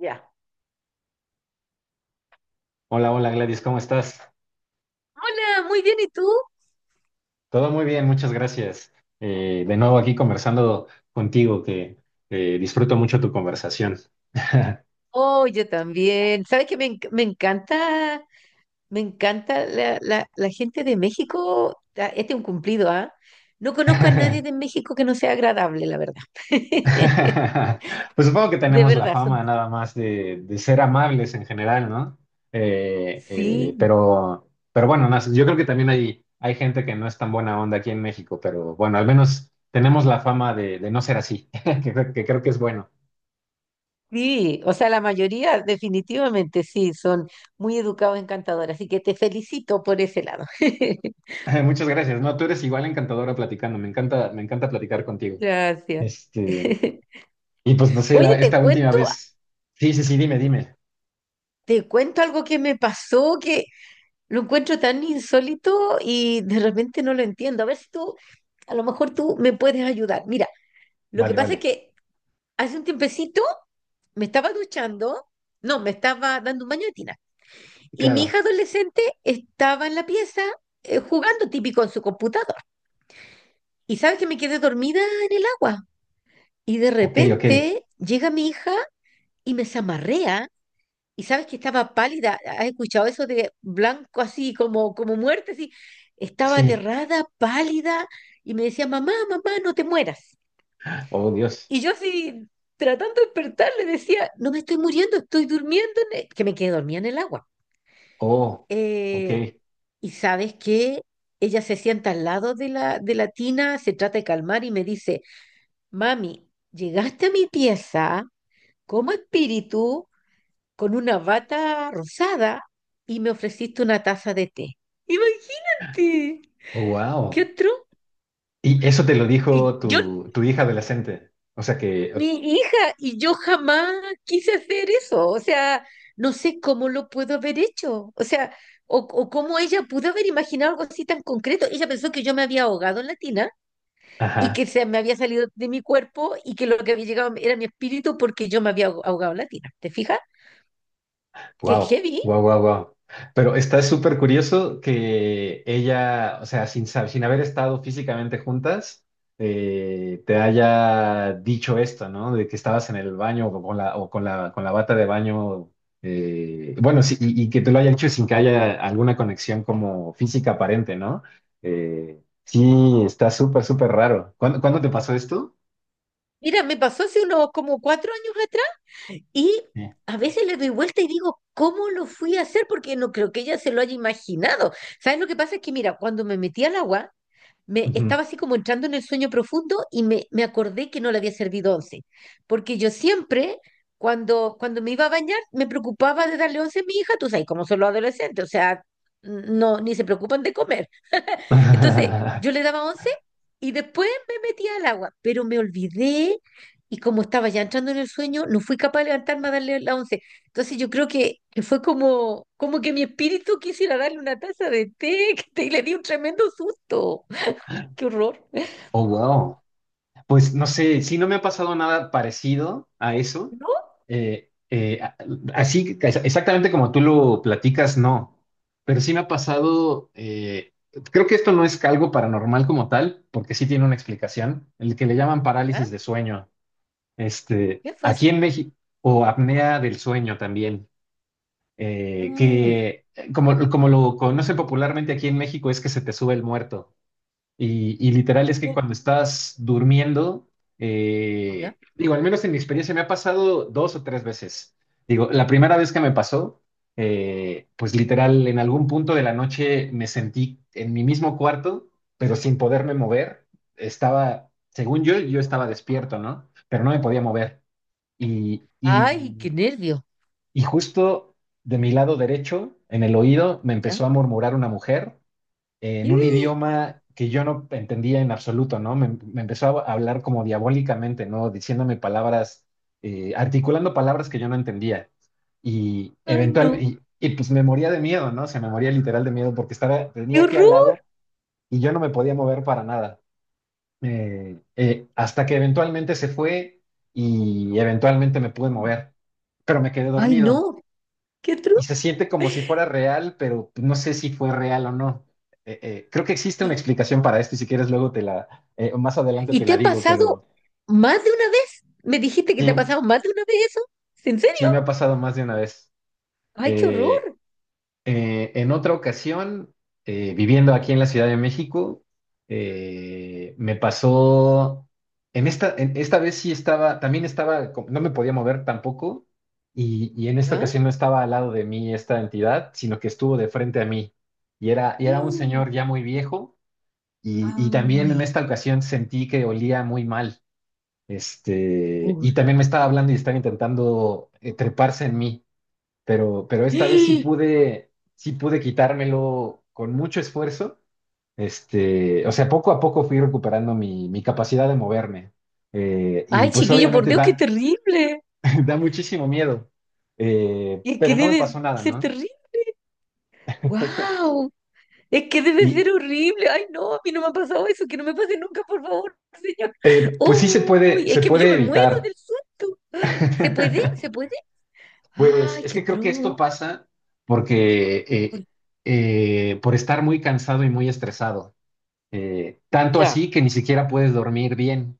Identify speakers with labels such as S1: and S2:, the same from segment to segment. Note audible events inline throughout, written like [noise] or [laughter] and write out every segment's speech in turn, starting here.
S1: Ya.
S2: Hola, hola Gladys, ¿cómo estás?
S1: Hola, muy bien, ¿y tú?
S2: Todo muy bien, muchas gracias. De nuevo aquí conversando contigo, que disfruto mucho tu conversación. [laughs]
S1: Oh, yo también. ¿Sabes qué? Me encanta, la gente de México. Ah, este es un cumplido, ¿ah? No conozco a nadie de México que no sea agradable, la verdad. [laughs]
S2: Pues supongo que
S1: De
S2: tenemos la
S1: verdad, son,
S2: fama nada más de ser amables en general, ¿no?
S1: sí,
S2: Pero bueno, yo creo que también hay gente que no es tan buena onda aquí en México, pero bueno, al menos tenemos la fama de no ser así, [laughs] que creo que es bueno.
S1: sí. O sea, la mayoría definitivamente sí, son muy educados, encantadores. Así que te felicito por ese lado. [laughs]
S2: [laughs] Muchas gracias. No, tú eres igual encantadora platicando. Me encanta platicar contigo.
S1: Gracias.
S2: Este,
S1: [laughs]
S2: y pues no sé,
S1: Oye, te
S2: esta última
S1: cuento,
S2: vez. Sí, sí, sí, dime, dime.
S1: te cuento algo que me pasó. Que Lo encuentro tan insólito y de repente no lo entiendo. A ver si tú, a lo mejor tú me puedes ayudar. Mira, lo que
S2: Vale,
S1: pasa es
S2: vale.
S1: que hace un tiempecito me estaba duchando, no, me estaba dando un baño de tina. Y mi
S2: Claro.
S1: hija adolescente estaba en la pieza jugando típico en su computador. Y sabes que me quedé dormida en el agua. Y de
S2: Ok, ok.
S1: repente llega mi hija y me zamarrea. Y sabes que estaba pálida, ¿has escuchado eso de blanco así, como, como muerte, así? Estaba
S2: Sí.
S1: aterrada, pálida, y me decía, mamá, mamá, no te mueras.
S2: Oh, Dios.
S1: Y yo así, tratando de despertar, le decía, no me estoy muriendo, estoy durmiendo, que me quedé dormida en el agua.
S2: Oh, ok.
S1: Eh, y sabes que ella se sienta al lado de la tina, se trata de calmar y me dice, mami, llegaste a mi pieza como espíritu con una bata rosada y me ofreciste una taza de té. Imagínate,
S2: Oh,
S1: ¿qué
S2: wow.
S1: otro?
S2: Y eso te lo dijo
S1: Y yo,
S2: tu, tu hija adolescente. O sea que,
S1: mi hija, y yo jamás quise hacer eso. O sea, no sé cómo lo puedo haber hecho. O sea, o cómo ella pudo haber imaginado algo así tan concreto. Ella pensó que yo me había ahogado en la tina y
S2: ajá.
S1: que se me había salido de mi cuerpo y que lo que había llegado era mi espíritu porque yo me había ahogado en la tina. ¿Te fijas? Qué
S2: Wow,
S1: heavy.
S2: wow, wow, wow. Pero está súper curioso que ella, o sea, sin haber estado físicamente juntas, te haya dicho esto, ¿no? De que estabas en el baño o con la bata de baño. Bueno, sí, y que te lo haya hecho sin que haya alguna conexión como física aparente, ¿no? Sí, está súper, súper raro. ¿Cuándo, cuándo te pasó esto?
S1: Mira, me pasó hace unos como 4 años atrás. Y
S2: Sí.
S1: a veces le doy vuelta y digo, ¿cómo lo fui a hacer? Porque no creo que ella se lo haya imaginado. ¿Sabes lo que pasa? Es que, mira, cuando me metí al agua, me estaba
S2: Ujú.
S1: así como entrando en el sueño profundo y me acordé que no le había servido once. Porque yo siempre, cuando me iba a bañar, me preocupaba de darle once a mi hija, tú sabes, cómo son los adolescentes, o sea, no, ni se preocupan de comer. Entonces,
S2: [laughs]
S1: yo le daba 11 y después me metía al agua, pero me olvidé y como estaba ya entrando en el sueño, no fui capaz de levantarme a darle la once. Entonces, yo creo que, que fue como, que mi espíritu quisiera darle una taza de té, [laughs] y le di un tremendo susto. ¡Qué horror!
S2: Oh, wow. Pues no sé, sí, no me ha pasado nada parecido a eso.
S1: ¿No?
S2: Eh, eh, a- Así, exactamente como tú lo platicas, no. Pero sí me ha pasado, creo que esto no es algo paranormal como tal, porque sí tiene una explicación, el que le llaman
S1: ¿Ya?
S2: parálisis de sueño. Este,
S1: ¿Qué fue eso?
S2: aquí en México, o apnea del sueño también,
S1: Mm.
S2: que como, como lo conocen popularmente aquí en México es que se te sube el muerto. Y literal es que
S1: Oh.
S2: cuando estás durmiendo,
S1: ¿Ya?
S2: digo, al menos en mi experiencia me ha pasado dos o tres veces. Digo, la primera vez que me pasó, pues literal en algún punto de la noche me sentí en mi mismo cuarto, pero sin poderme mover. Estaba, según yo, yo estaba despierto, ¿no? Pero no me podía mover. Y, y,
S1: ¡Ay, qué nervio!
S2: y justo de mi lado derecho, en el oído, me
S1: ¿Ya?
S2: empezó a murmurar una mujer en un
S1: [gasps]
S2: idioma que yo no entendía en absoluto, ¿no? Me empezó a hablar como diabólicamente, ¿no? Diciéndome palabras, articulando palabras que yo no entendía.
S1: ¡Ay, no!
S2: Pues me moría de miedo, ¿no? Se me moría literal de miedo porque estaba,
S1: ¡Qué
S2: tenía aquí al
S1: horror!
S2: lado y yo no me podía mover para nada. Hasta que eventualmente se fue y eventualmente me pude mover, pero me quedé
S1: ¡Ay,
S2: dormido
S1: no! ¡Qué
S2: y
S1: truco!
S2: se siente como si fuera real, pero no sé si fue real o no. Creo que existe una explicación para esto y si quieres luego te la, más adelante
S1: ¿Y
S2: te
S1: te
S2: la
S1: ha
S2: digo,
S1: pasado
S2: pero
S1: más de una vez? ¿Me dijiste que te ha
S2: sí,
S1: pasado más de una vez eso? ¿En
S2: sí
S1: serio?
S2: me ha pasado más de una vez.
S1: ¡Ay, qué
S2: Eh,
S1: horror!
S2: En otra ocasión, viviendo aquí en la Ciudad de México, me pasó, en esta vez sí estaba, también estaba, no me podía mover tampoco, y en esta
S1: ¿Ah?
S2: ocasión no estaba al lado de mí esta entidad, sino que estuvo de frente a mí, y era un
S1: Mm.
S2: señor ya muy viejo, y también en
S1: ¡Ay,
S2: esta ocasión sentí que olía muy mal,
S1: qué
S2: este,
S1: horror!
S2: y también me estaba hablando y estaba intentando treparse en mí pero esta vez
S1: [gasps]
S2: sí pude quitármelo con mucho esfuerzo. Este, o sea, poco a poco fui recuperando mi, mi capacidad de moverme. Y
S1: ¡Ay,
S2: pues
S1: chiquillo, por
S2: obviamente
S1: Dios, qué
S2: da,
S1: terrible!
S2: [laughs] da muchísimo miedo.
S1: Es que
S2: Pero no me pasó
S1: debe
S2: nada,
S1: ser
S2: ¿no?
S1: terrible.
S2: [laughs]
S1: ¡Wow! Es que debe
S2: Y
S1: ser horrible. ¡Ay, no! A mí no me ha pasado eso. Que no me pase nunca, por favor, señor.
S2: pues sí
S1: ¡Uy! Es
S2: se
S1: que yo
S2: puede
S1: me muero
S2: evitar.
S1: del susto. ¿Se puede? ¿Se
S2: [laughs]
S1: puede?
S2: Pues
S1: ¡Ay,
S2: es
S1: qué
S2: que creo que esto
S1: atroz!
S2: pasa porque por estar muy cansado y muy estresado. Tanto así
S1: Ya.
S2: que ni siquiera puedes dormir bien.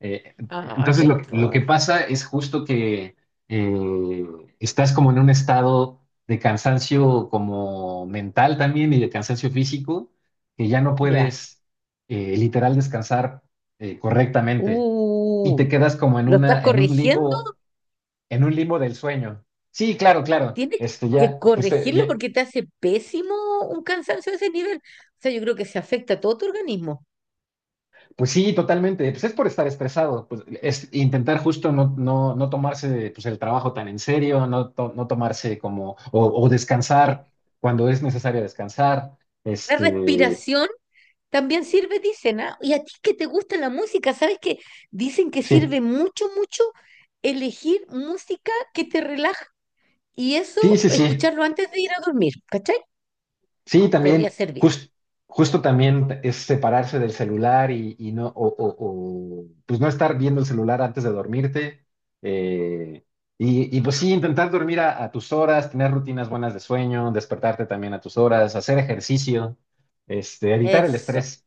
S2: Eh,
S1: ¡Ah, qué
S2: entonces que lo que
S1: atroz!
S2: pasa es justo que eh, estás como en un estado de cansancio como mental también y de cansancio físico, que ya no
S1: Ya.
S2: puedes literal descansar correctamente y
S1: Uh,
S2: te quedas como en
S1: ¿Lo estás
S2: una,
S1: corrigiendo?
S2: en un limbo del sueño. Sí, claro, claro.
S1: Tienes
S2: Este,
S1: que
S2: ya, pues,
S1: corregirlo porque te hace pésimo un cansancio de ese nivel. O sea, yo creo que se afecta a todo tu organismo.
S2: Pues sí, totalmente. Pues es por estar estresado, pues es intentar justo no, no, no tomarse pues, el trabajo tan en serio, no, no tomarse como, o
S1: Sí.
S2: descansar cuando es necesario descansar.
S1: La
S2: Este,
S1: respiración también sirve, dicen, ¿ah? Y a ti que te gusta la música, ¿sabes que dicen que
S2: sí,
S1: sirve mucho, mucho elegir música que te relaja y eso,
S2: sí, sí, sí.
S1: escucharlo antes de ir a dormir, ¿cachai?
S2: Sí,
S1: Podría
S2: también,
S1: servir.
S2: justo también es separarse del celular y no, o, pues no estar viendo el celular antes de dormirte. eh, y, y, pues sí, intentar dormir a tus horas, tener rutinas buenas de sueño, despertarte también a tus horas, hacer ejercicio, este, evitar el
S1: Eso.
S2: estrés.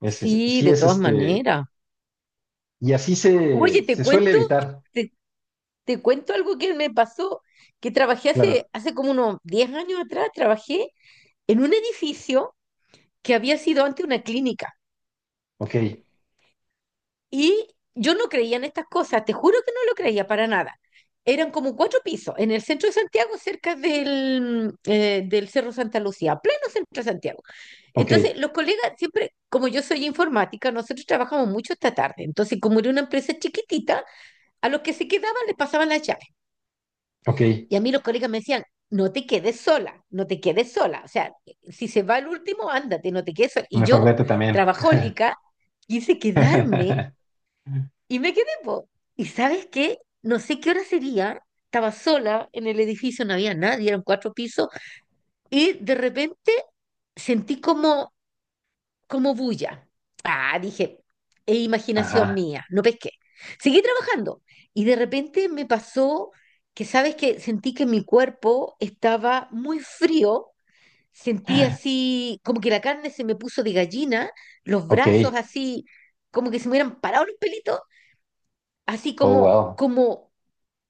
S1: Sí,
S2: Sí
S1: de
S2: es
S1: todas
S2: este,
S1: maneras.
S2: y así
S1: Oye,
S2: se, se suele evitar.
S1: te, Te cuento algo que me pasó, que trabajé
S2: Claro,
S1: hace como unos 10 años atrás, trabajé en un edificio que había sido antes una clínica.
S2: ok,
S1: Y yo no creía en estas cosas, te juro que no lo creía para nada. Eran como cuatro pisos en el centro de Santiago, cerca del Cerro Santa Lucía, pleno centro de Santiago.
S2: ok,
S1: Entonces, los colegas siempre, como yo soy informática, nosotros trabajamos mucho esta tarde. Entonces, como era una empresa chiquitita, a los que se quedaban les pasaban las llaves.
S2: ok,
S1: Y a mí los colegas me decían, no te quedes sola, no te quedes sola. O sea, si se va el último, ándate, no te quedes sola. Y
S2: mejor
S1: yo,
S2: vete también.
S1: trabajólica, quise quedarme
S2: [laughs]
S1: y me quedé, po. Y sabes qué, no sé qué hora sería, estaba sola en el edificio, no había nadie, eran cuatro pisos, y de repente sentí como bulla. Ah, dije, es imaginación
S2: Ajá,
S1: mía, no pesqué. Seguí trabajando y de repente me pasó ¿sabes que sentí que mi cuerpo estaba muy frío, sentí así como que la carne se me puso de gallina, los
S2: ok.
S1: brazos así como que se me hubieran parado los pelitos, así
S2: Oh,
S1: como,
S2: wow.
S1: como,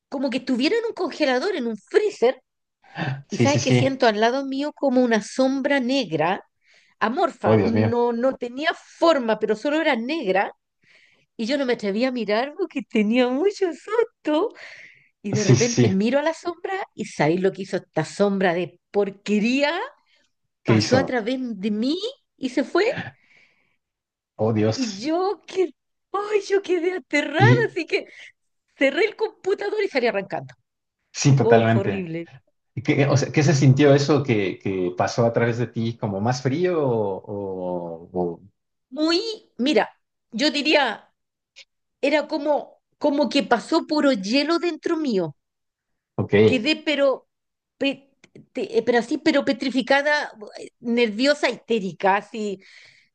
S1: como que estuviera en un congelador, en un freezer, y
S2: Sí, sí,
S1: sabes que
S2: sí.
S1: siento al lado mío como una sombra negra,
S2: Oh,
S1: amorfa,
S2: Dios mío.
S1: no, no tenía forma, pero solo era negra. Y yo no me atreví a mirar porque tenía mucho susto. Y de
S2: Sí, sí,
S1: repente
S2: sí.
S1: miro a la sombra y ¿sabéis lo que hizo esta sombra de porquería?
S2: ¿Qué
S1: Pasó a
S2: hizo?
S1: través de mí y se fue.
S2: Oh,
S1: Y
S2: Dios.
S1: yo que, ay, yo quedé aterrada,
S2: Y
S1: así que cerré el computador y salí arrancando.
S2: sí,
S1: Ay, fue
S2: totalmente.
S1: horrible.
S2: ¿Y qué, o sea, ¿qué se sintió eso que pasó a través de ti? ¿Como más frío o,
S1: Muy, mira, yo diría era como, como que pasó puro hielo dentro mío.
S2: Ok.
S1: Quedé pero, pe- pero así, pero petrificada, nerviosa, histérica, así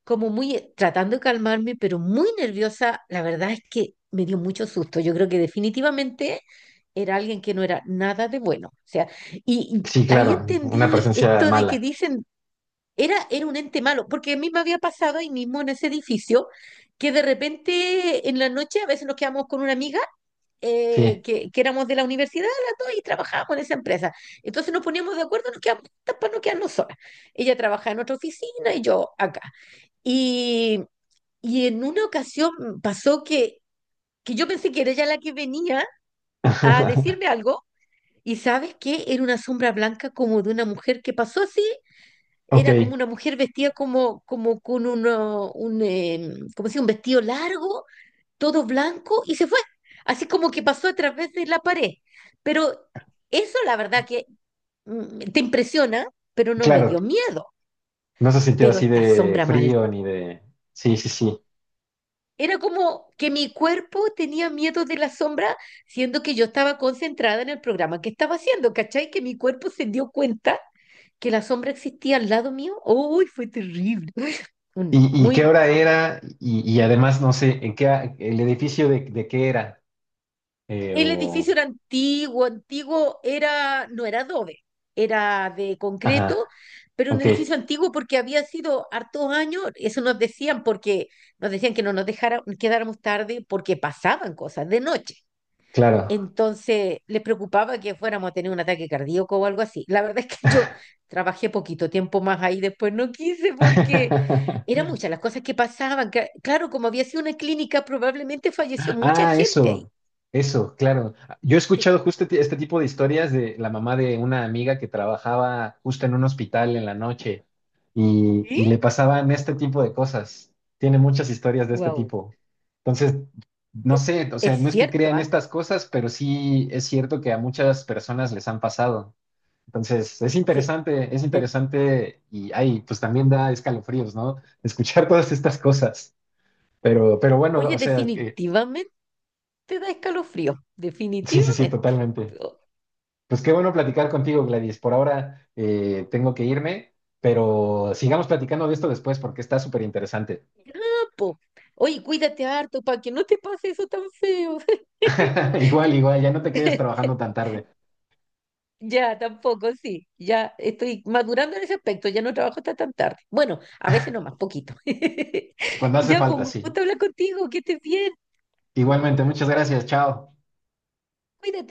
S1: como muy, tratando de calmarme, pero muy nerviosa. La verdad es que me dio mucho susto. Yo creo que definitivamente era alguien que no era nada de bueno. O sea, y
S2: Sí,
S1: ahí
S2: claro. Una
S1: entendí
S2: presencia
S1: esto de que
S2: mala.
S1: dicen, era un ente malo, porque a mí me había pasado ahí mismo en ese edificio, que de repente en la noche a veces nos quedamos con una amiga eh,
S2: Sí.
S1: que, que éramos de la universidad, las dos, y trabajábamos en esa empresa. Entonces nos poníamos de acuerdo, nos quedamos juntas para no quedarnos solas. Ella trabajaba en otra oficina y yo acá. Y, y en una ocasión pasó que yo pensé que era ella la que venía a
S2: [laughs]
S1: decirme algo, y ¿sabes qué? Era una sombra blanca como de una mujer que pasó así, era como
S2: Ok.
S1: una mujer vestida como, como con como si un vestido largo todo blanco y se fue. Así como que pasó a través de la pared. Pero eso la verdad que mm, te impresiona, pero no me
S2: Claro.
S1: dio miedo.
S2: No se sintió
S1: Pero
S2: así
S1: esta
S2: de
S1: sombra mal.
S2: frío ni de... Sí, sí, sí.
S1: Era como que mi cuerpo tenía miedo de la sombra, siendo que yo estaba concentrada en el programa que estaba haciendo, ¿cachai? Que mi cuerpo se dio cuenta que la sombra existía al lado mío. ¡Uy, fue terrible!
S2: Y qué
S1: Muy,
S2: hora era? Y además, no sé, ¿en qué, el edificio de qué era? Eh,
S1: el
S2: o...
S1: edificio era antiguo, antiguo era, no era adobe, era de
S2: Ajá.
S1: concreto, pero un
S2: Ok.
S1: edificio antiguo porque había sido hartos años, eso nos decían porque nos decían que no nos dejara, quedáramos tarde porque pasaban cosas de noche.
S2: Claro.
S1: Entonces les preocupaba que fuéramos a tener un ataque cardíaco o algo así. La verdad es que yo trabajé poquito tiempo más ahí, después no quise porque eran
S2: [laughs]
S1: muchas las cosas que pasaban. Claro, como había sido una clínica, probablemente falleció mucha
S2: Ah,
S1: gente ahí.
S2: eso, claro. Yo he
S1: Sí.
S2: escuchado justo este tipo de historias de la mamá de una amiga que trabajaba justo en un hospital en la noche y le
S1: ¿Sí?
S2: pasaban este tipo de cosas. Tiene muchas historias de este
S1: Wow.
S2: tipo. Entonces, no
S1: Es,
S2: sé, o sea,
S1: es
S2: no es que
S1: cierto,
S2: crean
S1: ¿ah?
S2: estas cosas, pero sí es cierto que a muchas personas les han pasado. Entonces,
S1: Sí.
S2: es
S1: De-
S2: interesante y ay, pues también da escalofríos, ¿no? Escuchar todas estas cosas. Pero bueno,
S1: Oye,
S2: o sea,
S1: definitivamente da escalofrío.
S2: [laughs] sí, sí, sí,
S1: Definitivamente.
S2: totalmente.
S1: Pero,
S2: Pues qué bueno platicar contigo, Gladys. Por ahora tengo que irme, pero sigamos platicando de esto después porque está súper interesante.
S1: ah, po. Oye, cuídate harto para que no te pase eso tan feo.
S2: [laughs]
S1: [laughs]
S2: Igual, igual, ya no te quedes trabajando tan tarde.
S1: Ya, tampoco, sí. Ya estoy madurando en ese aspecto. Ya no trabajo hasta tan tarde. Bueno, a veces no más, poquito. [laughs]
S2: Cuando hace
S1: Ya, pues, un
S2: falta, sí.
S1: gusto hablar contigo. Que estés bien.
S2: Igualmente, muchas gracias, chao.
S1: Cuídate.